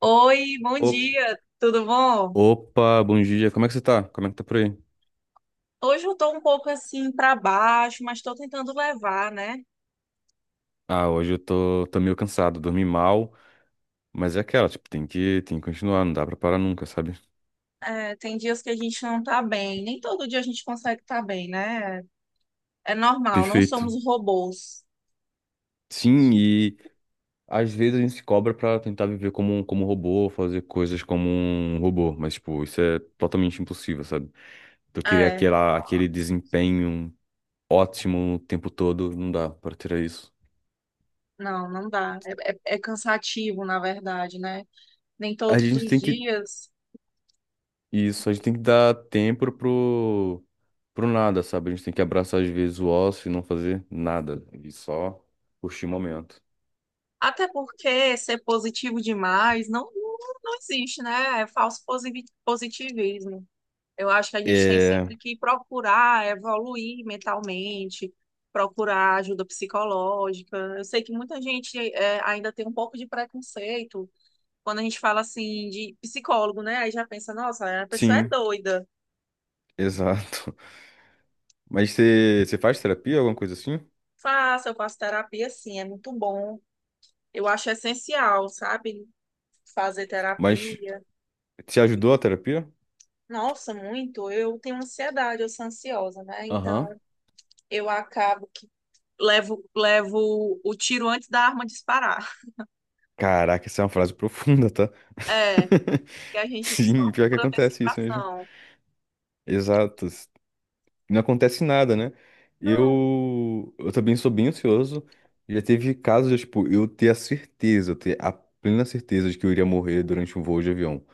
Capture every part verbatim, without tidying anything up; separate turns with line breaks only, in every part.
Oi, bom
Op-
dia, tudo bom?
Opa, bom dia, como é que você tá? Como é que tá por aí?
Hoje eu tô um pouco assim pra baixo, mas tô tentando levar, né?
Ah, hoje eu tô, tô meio cansado, dormi mal, mas é aquela, tipo, tem que, tem que continuar, não dá pra parar nunca, sabe?
É, tem dias que a gente não tá bem, nem todo dia a gente consegue estar bem, né? É normal, não
Perfeito.
somos robôs.
Sim, e às vezes a gente se cobra pra tentar viver como um, como um robô, fazer coisas como um robô, mas, tipo, isso é totalmente impossível, sabe? Então, eu queria
É,
aquela, aquele desempenho ótimo o tempo todo, não dá pra ter isso.
não, não dá. É, é- é cansativo, na verdade, né? Nem
A
todos
gente
os
tem que
dias.
Isso, a gente tem que dar tempo pro, pro nada, sabe? A gente tem que abraçar às vezes o ócio e não fazer nada, né? E só curtir o momento.
Até porque ser positivo demais não, não, não existe, né? É falso posi- positivismo. Eu acho que a gente tem
É,
sempre que procurar evoluir mentalmente, procurar ajuda psicológica. Eu sei que muita gente é, ainda tem um pouco de preconceito quando a gente fala assim de psicólogo, né? Aí já pensa, nossa, a pessoa é
sim,
doida.
exato. Mas você você faz terapia, alguma coisa assim?
Faça, eu faço terapia sim, é muito bom. Eu acho essencial, sabe? Fazer
Mas
terapia.
te ajudou a terapia?
Nossa, muito. Eu tenho ansiedade, eu sou ansiosa, né? Então,
Aham.
eu acabo que levo, levo o tiro antes da arma disparar.
Caraca, essa é uma frase profunda, tá?
É. Que a gente
Sim,
sofre
pior que
por
acontece isso mesmo.
antecipação.
Exato. Não acontece nada, né?
Não,
Eu, eu também sou bem ansioso. Já teve casos, de, tipo, eu ter a certeza, eu ter a plena certeza de que eu iria morrer durante um voo de avião.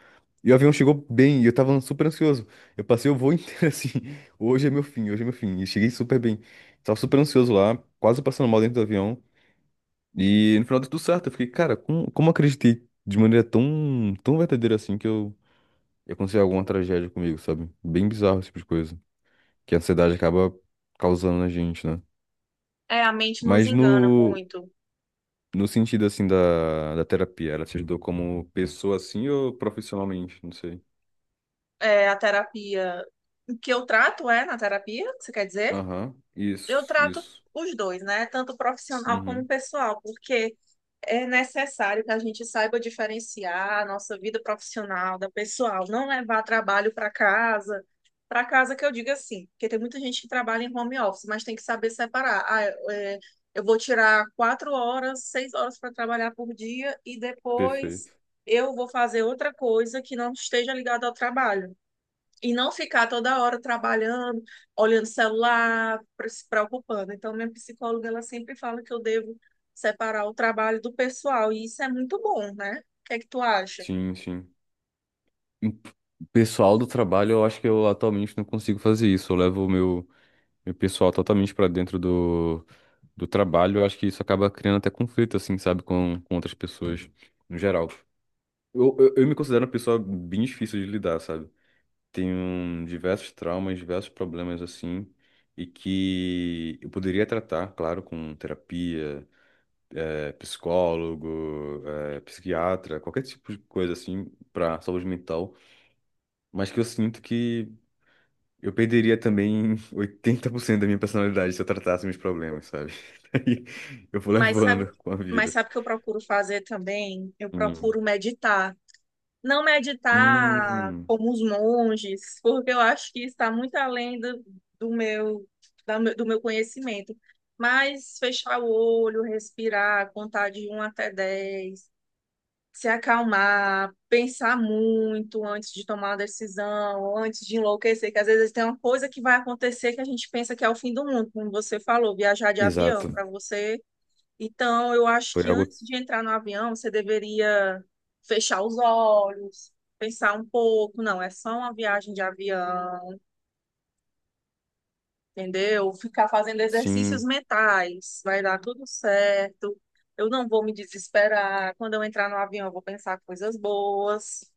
E o avião chegou bem, e eu tava super ansioso. Eu passei o voo inteiro assim, hoje é meu fim, hoje é meu fim. E cheguei super bem. Tava super ansioso lá, quase passando mal dentro do avião. E no final deu tudo certo. Eu fiquei, cara, como, como eu acreditei de maneira tão, tão verdadeira assim que eu ia acontecer alguma tragédia comigo, sabe? Bem bizarro esse tipo de coisa que a ansiedade acaba causando na gente, né?
é a mente nos
Mas
engana
no,
muito.
no sentido, assim, da, da terapia, ela te ajudou como pessoa, assim, ou profissionalmente? Não sei.
É a terapia O que eu trato é na terapia, você quer dizer?
Aham,
Eu
isso,
trato
isso.
os dois, né? Tanto profissional como
Uhum,
pessoal, porque é necessário que a gente saiba diferenciar a nossa vida profissional da pessoal, não levar trabalho para casa. Para casa que eu digo assim, porque tem muita gente que trabalha em home office, mas tem que saber separar. Ah, é, eu vou tirar quatro horas, seis horas para trabalhar por dia e depois
perfeito.
eu vou fazer outra coisa que não esteja ligada ao trabalho. E não ficar toda hora trabalhando, olhando o celular, pre- se preocupando. Então, minha psicóloga, ela sempre fala que eu devo separar o trabalho do pessoal, e isso é muito bom, né? O que é que tu acha?
Sim, sim. Hum, pessoal do trabalho, eu acho que eu atualmente não consigo fazer isso. Eu levo o meu, meu pessoal totalmente pra dentro do, do trabalho. Eu acho que isso acaba criando até conflito, assim, sabe, com, com outras pessoas, no geral. Eu, eu, eu me considero uma pessoa bem difícil de lidar, sabe? Tenho diversos traumas, diversos problemas assim, e que eu poderia tratar, claro, com terapia, eh, psicólogo, eh, psiquiatra, qualquer tipo de coisa assim para saúde mental, mas que eu sinto que eu perderia também oitenta por cento da minha personalidade se eu tratasse meus problemas, sabe? Aí eu vou
Mas sabe,
levando com a
mas
vida.
sabe o que eu procuro fazer também? Eu
Hum.
procuro meditar. Não meditar
Hum,
como os monges, porque eu acho que está muito além do, do meu, da do meu conhecimento. Mas fechar o olho, respirar, contar de um até dez, se acalmar, pensar muito antes de tomar uma decisão, antes de enlouquecer, que às vezes tem uma coisa que vai acontecer que a gente pensa que é o fim do mundo, como você falou, viajar de avião
exato.
para você. Então, eu acho
Foi
que
algo,
antes de entrar no avião, você deveria fechar os olhos, pensar um pouco, não, é só uma viagem de avião, entendeu? Ficar fazendo exercícios
sim.
mentais, vai dar tudo certo. Eu não vou me desesperar. Quando eu entrar no avião, eu vou pensar coisas boas.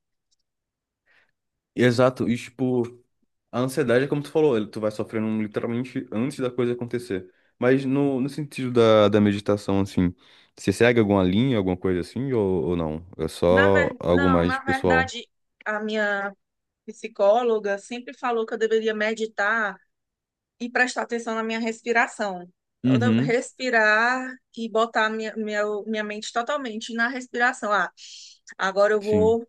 Exato. E, tipo, a ansiedade é como tu falou, tu vai sofrendo literalmente antes da coisa acontecer. Mas no, no sentido da, da meditação, assim, você segue alguma linha, alguma coisa assim, ou, ou não? É
Na
só
ver...
algo
Não,
mais
na
pessoal.
verdade, a minha psicóloga sempre falou que eu deveria meditar e prestar atenção na minha respiração. Toda-
Uhum,
Respirar e botar minha, minha, minha mente totalmente na respiração. Ah, agora eu
sim,
vou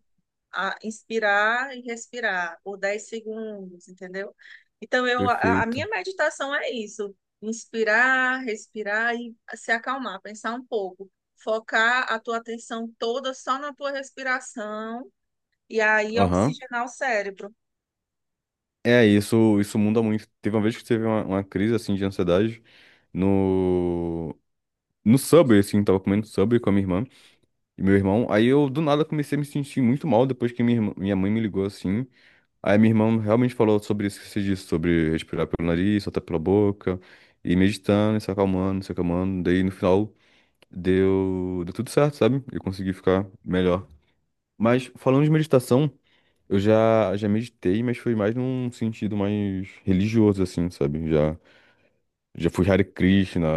ah, inspirar e respirar por dez segundos, entendeu? Então, eu, a, a minha
perfeito.
meditação é isso: inspirar, respirar e se acalmar, pensar um pouco. Focar a tua atenção toda só na tua respiração e aí
Aham.
oxigenar o cérebro.
É, isso, isso muda muito. Teve uma vez que teve uma, uma crise, assim, de ansiedade no, no Subway, assim, tava comendo Subway com a minha irmã e meu irmão. Aí eu, do nada, comecei a me sentir muito mal depois que minha, irmã- minha mãe me ligou, assim. Aí minha irmã realmente falou sobre isso que você disse, sobre respirar pelo nariz, soltar pela boca, e meditando, e se acalmando, se acalmando. Daí no final deu, deu tudo certo, sabe? Eu consegui ficar melhor. Mas falando de meditação, eu já, já meditei, mas foi mais num sentido mais religioso, assim, sabe? Já, já fui Hare Krishna,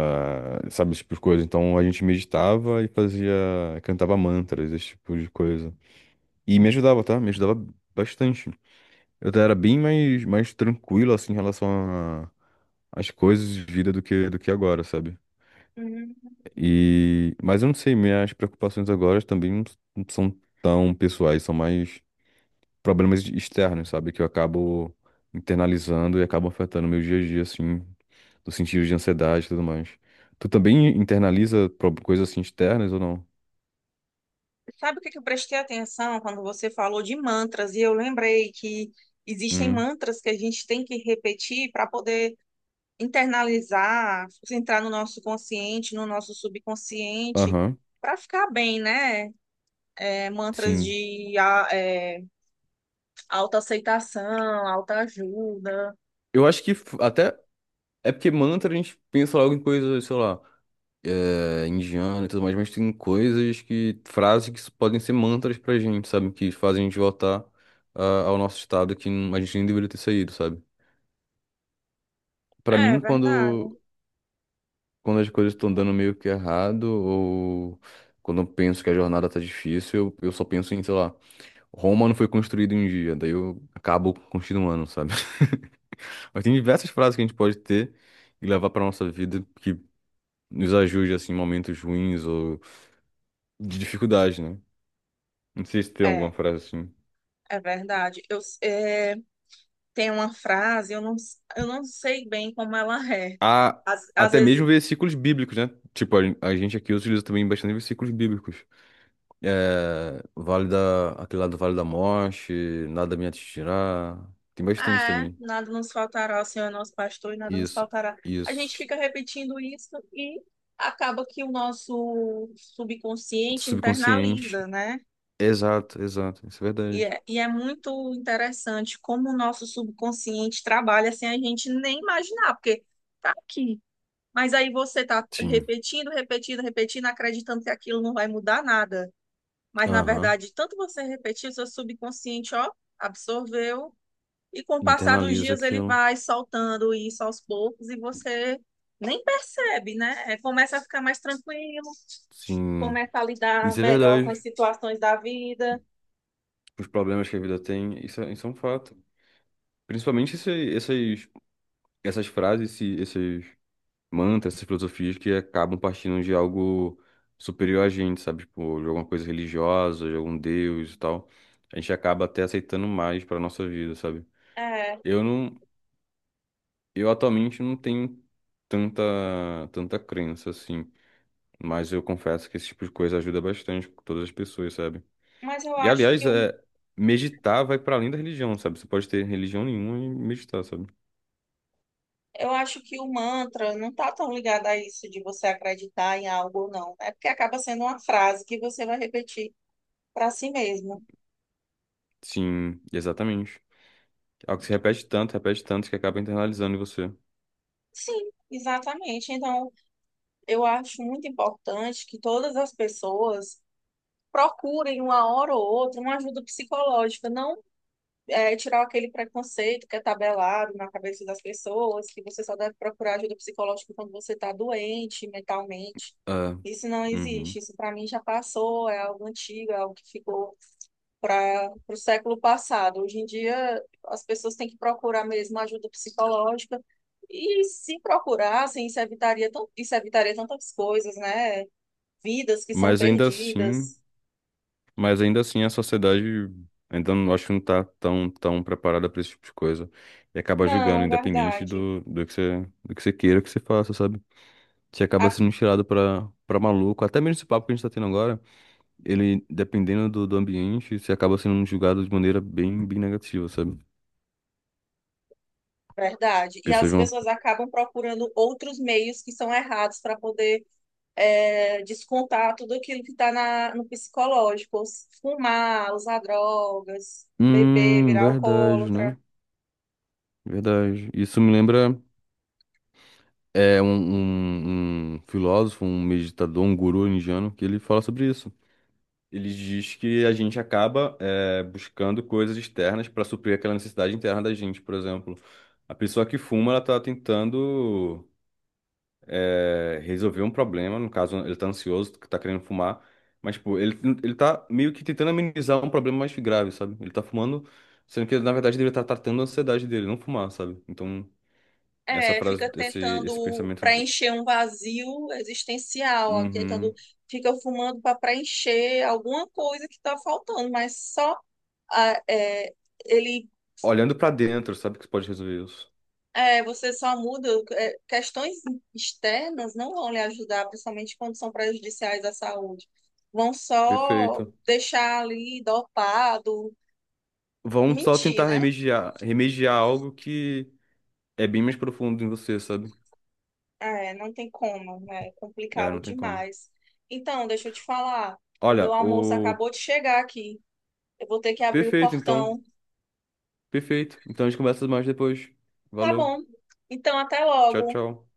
sabe, esse tipo de coisa. Então a gente meditava e fazia, cantava mantras, esse tipo de coisa. E me ajudava, tá? Me ajudava bastante. Eu era bem mais, mais tranquilo, assim, em relação a- às coisas de vida do que, do que agora, sabe?
Hum.
E, mas eu não sei, minhas preocupações agora também não s- não são tão pessoais, são mais problemas externos, sabe? Que eu acabo internalizando e acabam afetando meu dia a dia, assim, no sentido de ansiedade e tudo mais. Tu também internaliza pro- coisas assim externas ou não?
Sabe o que que eu prestei atenção quando você falou de mantras? E eu lembrei que existem
Hum,
mantras que a gente tem que repetir para poder internalizar, entrar no nosso consciente, no nosso subconsciente,
aham,
para ficar bem, né? É, mantras
sim.
de a- é, autoaceitação, autoajuda.
Eu acho que f- até é porque mantra a gente pensa logo em coisas, sei lá, é, indiana e tudo mais, mas tem coisas que, frases que podem ser mantras pra gente, sabe? Que fazem a gente voltar ah, ao nosso estado que a gente nem deveria ter saído, sabe? Pra
É
mim,
verdade.
quando, quando as coisas estão dando meio que errado, ou quando eu penso que a jornada tá difícil, eu, eu só penso em, sei lá, Roma não foi construída em um dia, daí eu acabo continuando, sabe? Mas tem diversas frases que a gente pode ter e levar pra nossa vida que nos ajude assim, em momentos ruins ou de dificuldade, né? Não sei se tem alguma
É,
frase assim.
é verdade. Eu, é, tem uma frase, eu não, eu não sei bem como ela é.
Há
Às, às
até
vezes,
mesmo versículos bíblicos, né? Tipo, a, a gente aqui utiliza também bastante versículos bíblicos. É, vale da, aquele lá do Vale da Morte, nada me atingirá. Tem bastante
ah, é,
também.
nada nos faltará, o Senhor é nosso pastor e nada nos
Isso,
faltará. A gente
isso.
fica repetindo isso e acaba que o nosso subconsciente internaliza,
Subconsciente.
né?
Exato, exato. Isso é
E
verdade.
é, e é muito interessante como o nosso subconsciente trabalha sem a gente nem imaginar, porque tá aqui. Mas aí você tá
Sim.
repetindo, repetindo, repetindo, acreditando que aquilo não vai mudar nada. Mas, na
Aham.
verdade, tanto você repetir, o seu subconsciente, ó, absorveu, e com o passar dos
Internaliza
dias ele
aquilo.
vai soltando isso aos poucos e você nem percebe, né? É, Começa a ficar mais tranquilo,
Sim.
começa a lidar
Isso é
melhor com as
verdade.
situações da vida.
Os problemas que a vida tem, isso é, isso é um fato. Principalmente esse- essas, essas frases, esse- esses mantras, essas filosofias que acabam partindo de algo superior a gente, sabe? Tipo, de alguma coisa religiosa, de algum deus e tal. A gente acaba até aceitando mais para nossa vida, sabe?
É,
Eu não, eu atualmente não tenho tanta, tanta crença assim, mas eu confesso que esse tipo de coisa ajuda bastante todas as pessoas, sabe?
mas eu
E
acho que
aliás,
o,
é, meditar vai para além da religião, sabe? Você pode ter religião nenhuma e meditar, sabe?
eu acho que o mantra não está tão ligado a isso de você acreditar em algo ou não. É porque acaba sendo uma frase que você vai repetir para si mesmo.
Sim, exatamente. É algo que se repete tanto, repete tanto, que acaba internalizando em você.
Sim, exatamente. Então, eu acho muito importante que todas as pessoas procurem uma hora ou outra uma ajuda psicológica, não é, tirar aquele preconceito que é tabelado na cabeça das pessoas, que você só deve procurar ajuda psicológica quando você está doente mentalmente.
É,
Isso não existe.
uhum.
Isso para mim já passou, é algo antigo, é algo que ficou para o século passado. Hoje em dia, as pessoas têm que procurar mesmo ajuda psicológica. E se procurassem, isso evitaria, tan- isso evitaria tantas coisas, né? Vidas que são
Mas ainda assim,
perdidas.
mas ainda assim a sociedade ainda não, acho que não tá tão, tão preparada para esse tipo de coisa. E acaba julgando,
Não,
independente
verdade.
do, do que você, do que você queira que você faça, sabe? Você
A
acaba sendo tirado pra, pra maluco. Até mesmo esse papo que a gente tá tendo agora, ele, dependendo do, do ambiente, você acaba sendo julgado de maneira bem, bem negativa, sabe?
Verdade. E
Pessoas
as
vão.
pessoas acabam procurando outros meios que são errados para poder é, descontar tudo aquilo que está no psicológico. Fumar, usar drogas, beber,
Hum,
virar
verdade,
alcoólatra.
né? Verdade. Isso me lembra. É um, um, um filósofo, um meditador, um guru indiano que ele fala sobre isso. Ele diz que a gente acaba é, buscando coisas externas para suprir aquela necessidade interna da gente, por exemplo. A pessoa que fuma, ela está tentando é, resolver um problema, no caso, ele está ansioso, está querendo fumar, mas pô, ele, ele tá meio que tentando amenizar um problema mais grave, sabe? Ele está fumando, sendo que na verdade ele está tratando a ansiedade dele, não fumar, sabe? Então, essa
É,
frase,
fica
esse, esse
tentando
pensamento do...
preencher um vazio existencial, ó, tentando,
Uhum.
fica fumando para preencher alguma coisa que está faltando, mas só ah, é, ele
Olhando pra dentro, sabe que você pode resolver isso.
É, você só muda, é, questões externas não vão lhe ajudar, principalmente quando são prejudiciais à saúde. Vão só
Perfeito.
deixar ali dopado,
Vão só
mentir,
tentar
né?
remediar, remediar algo que é bem mais profundo em você, sabe?
É, não tem como, né? É
É,
complicado
não tem como.
demais. Então, deixa eu te falar, o meu
Olha,
almoço
o
acabou de chegar aqui. Eu vou ter que abrir o
perfeito então.
portão.
Perfeito. Então a gente conversa mais depois.
Tá
Valeu.
bom. Então, até
Tchau,
logo.
tchau.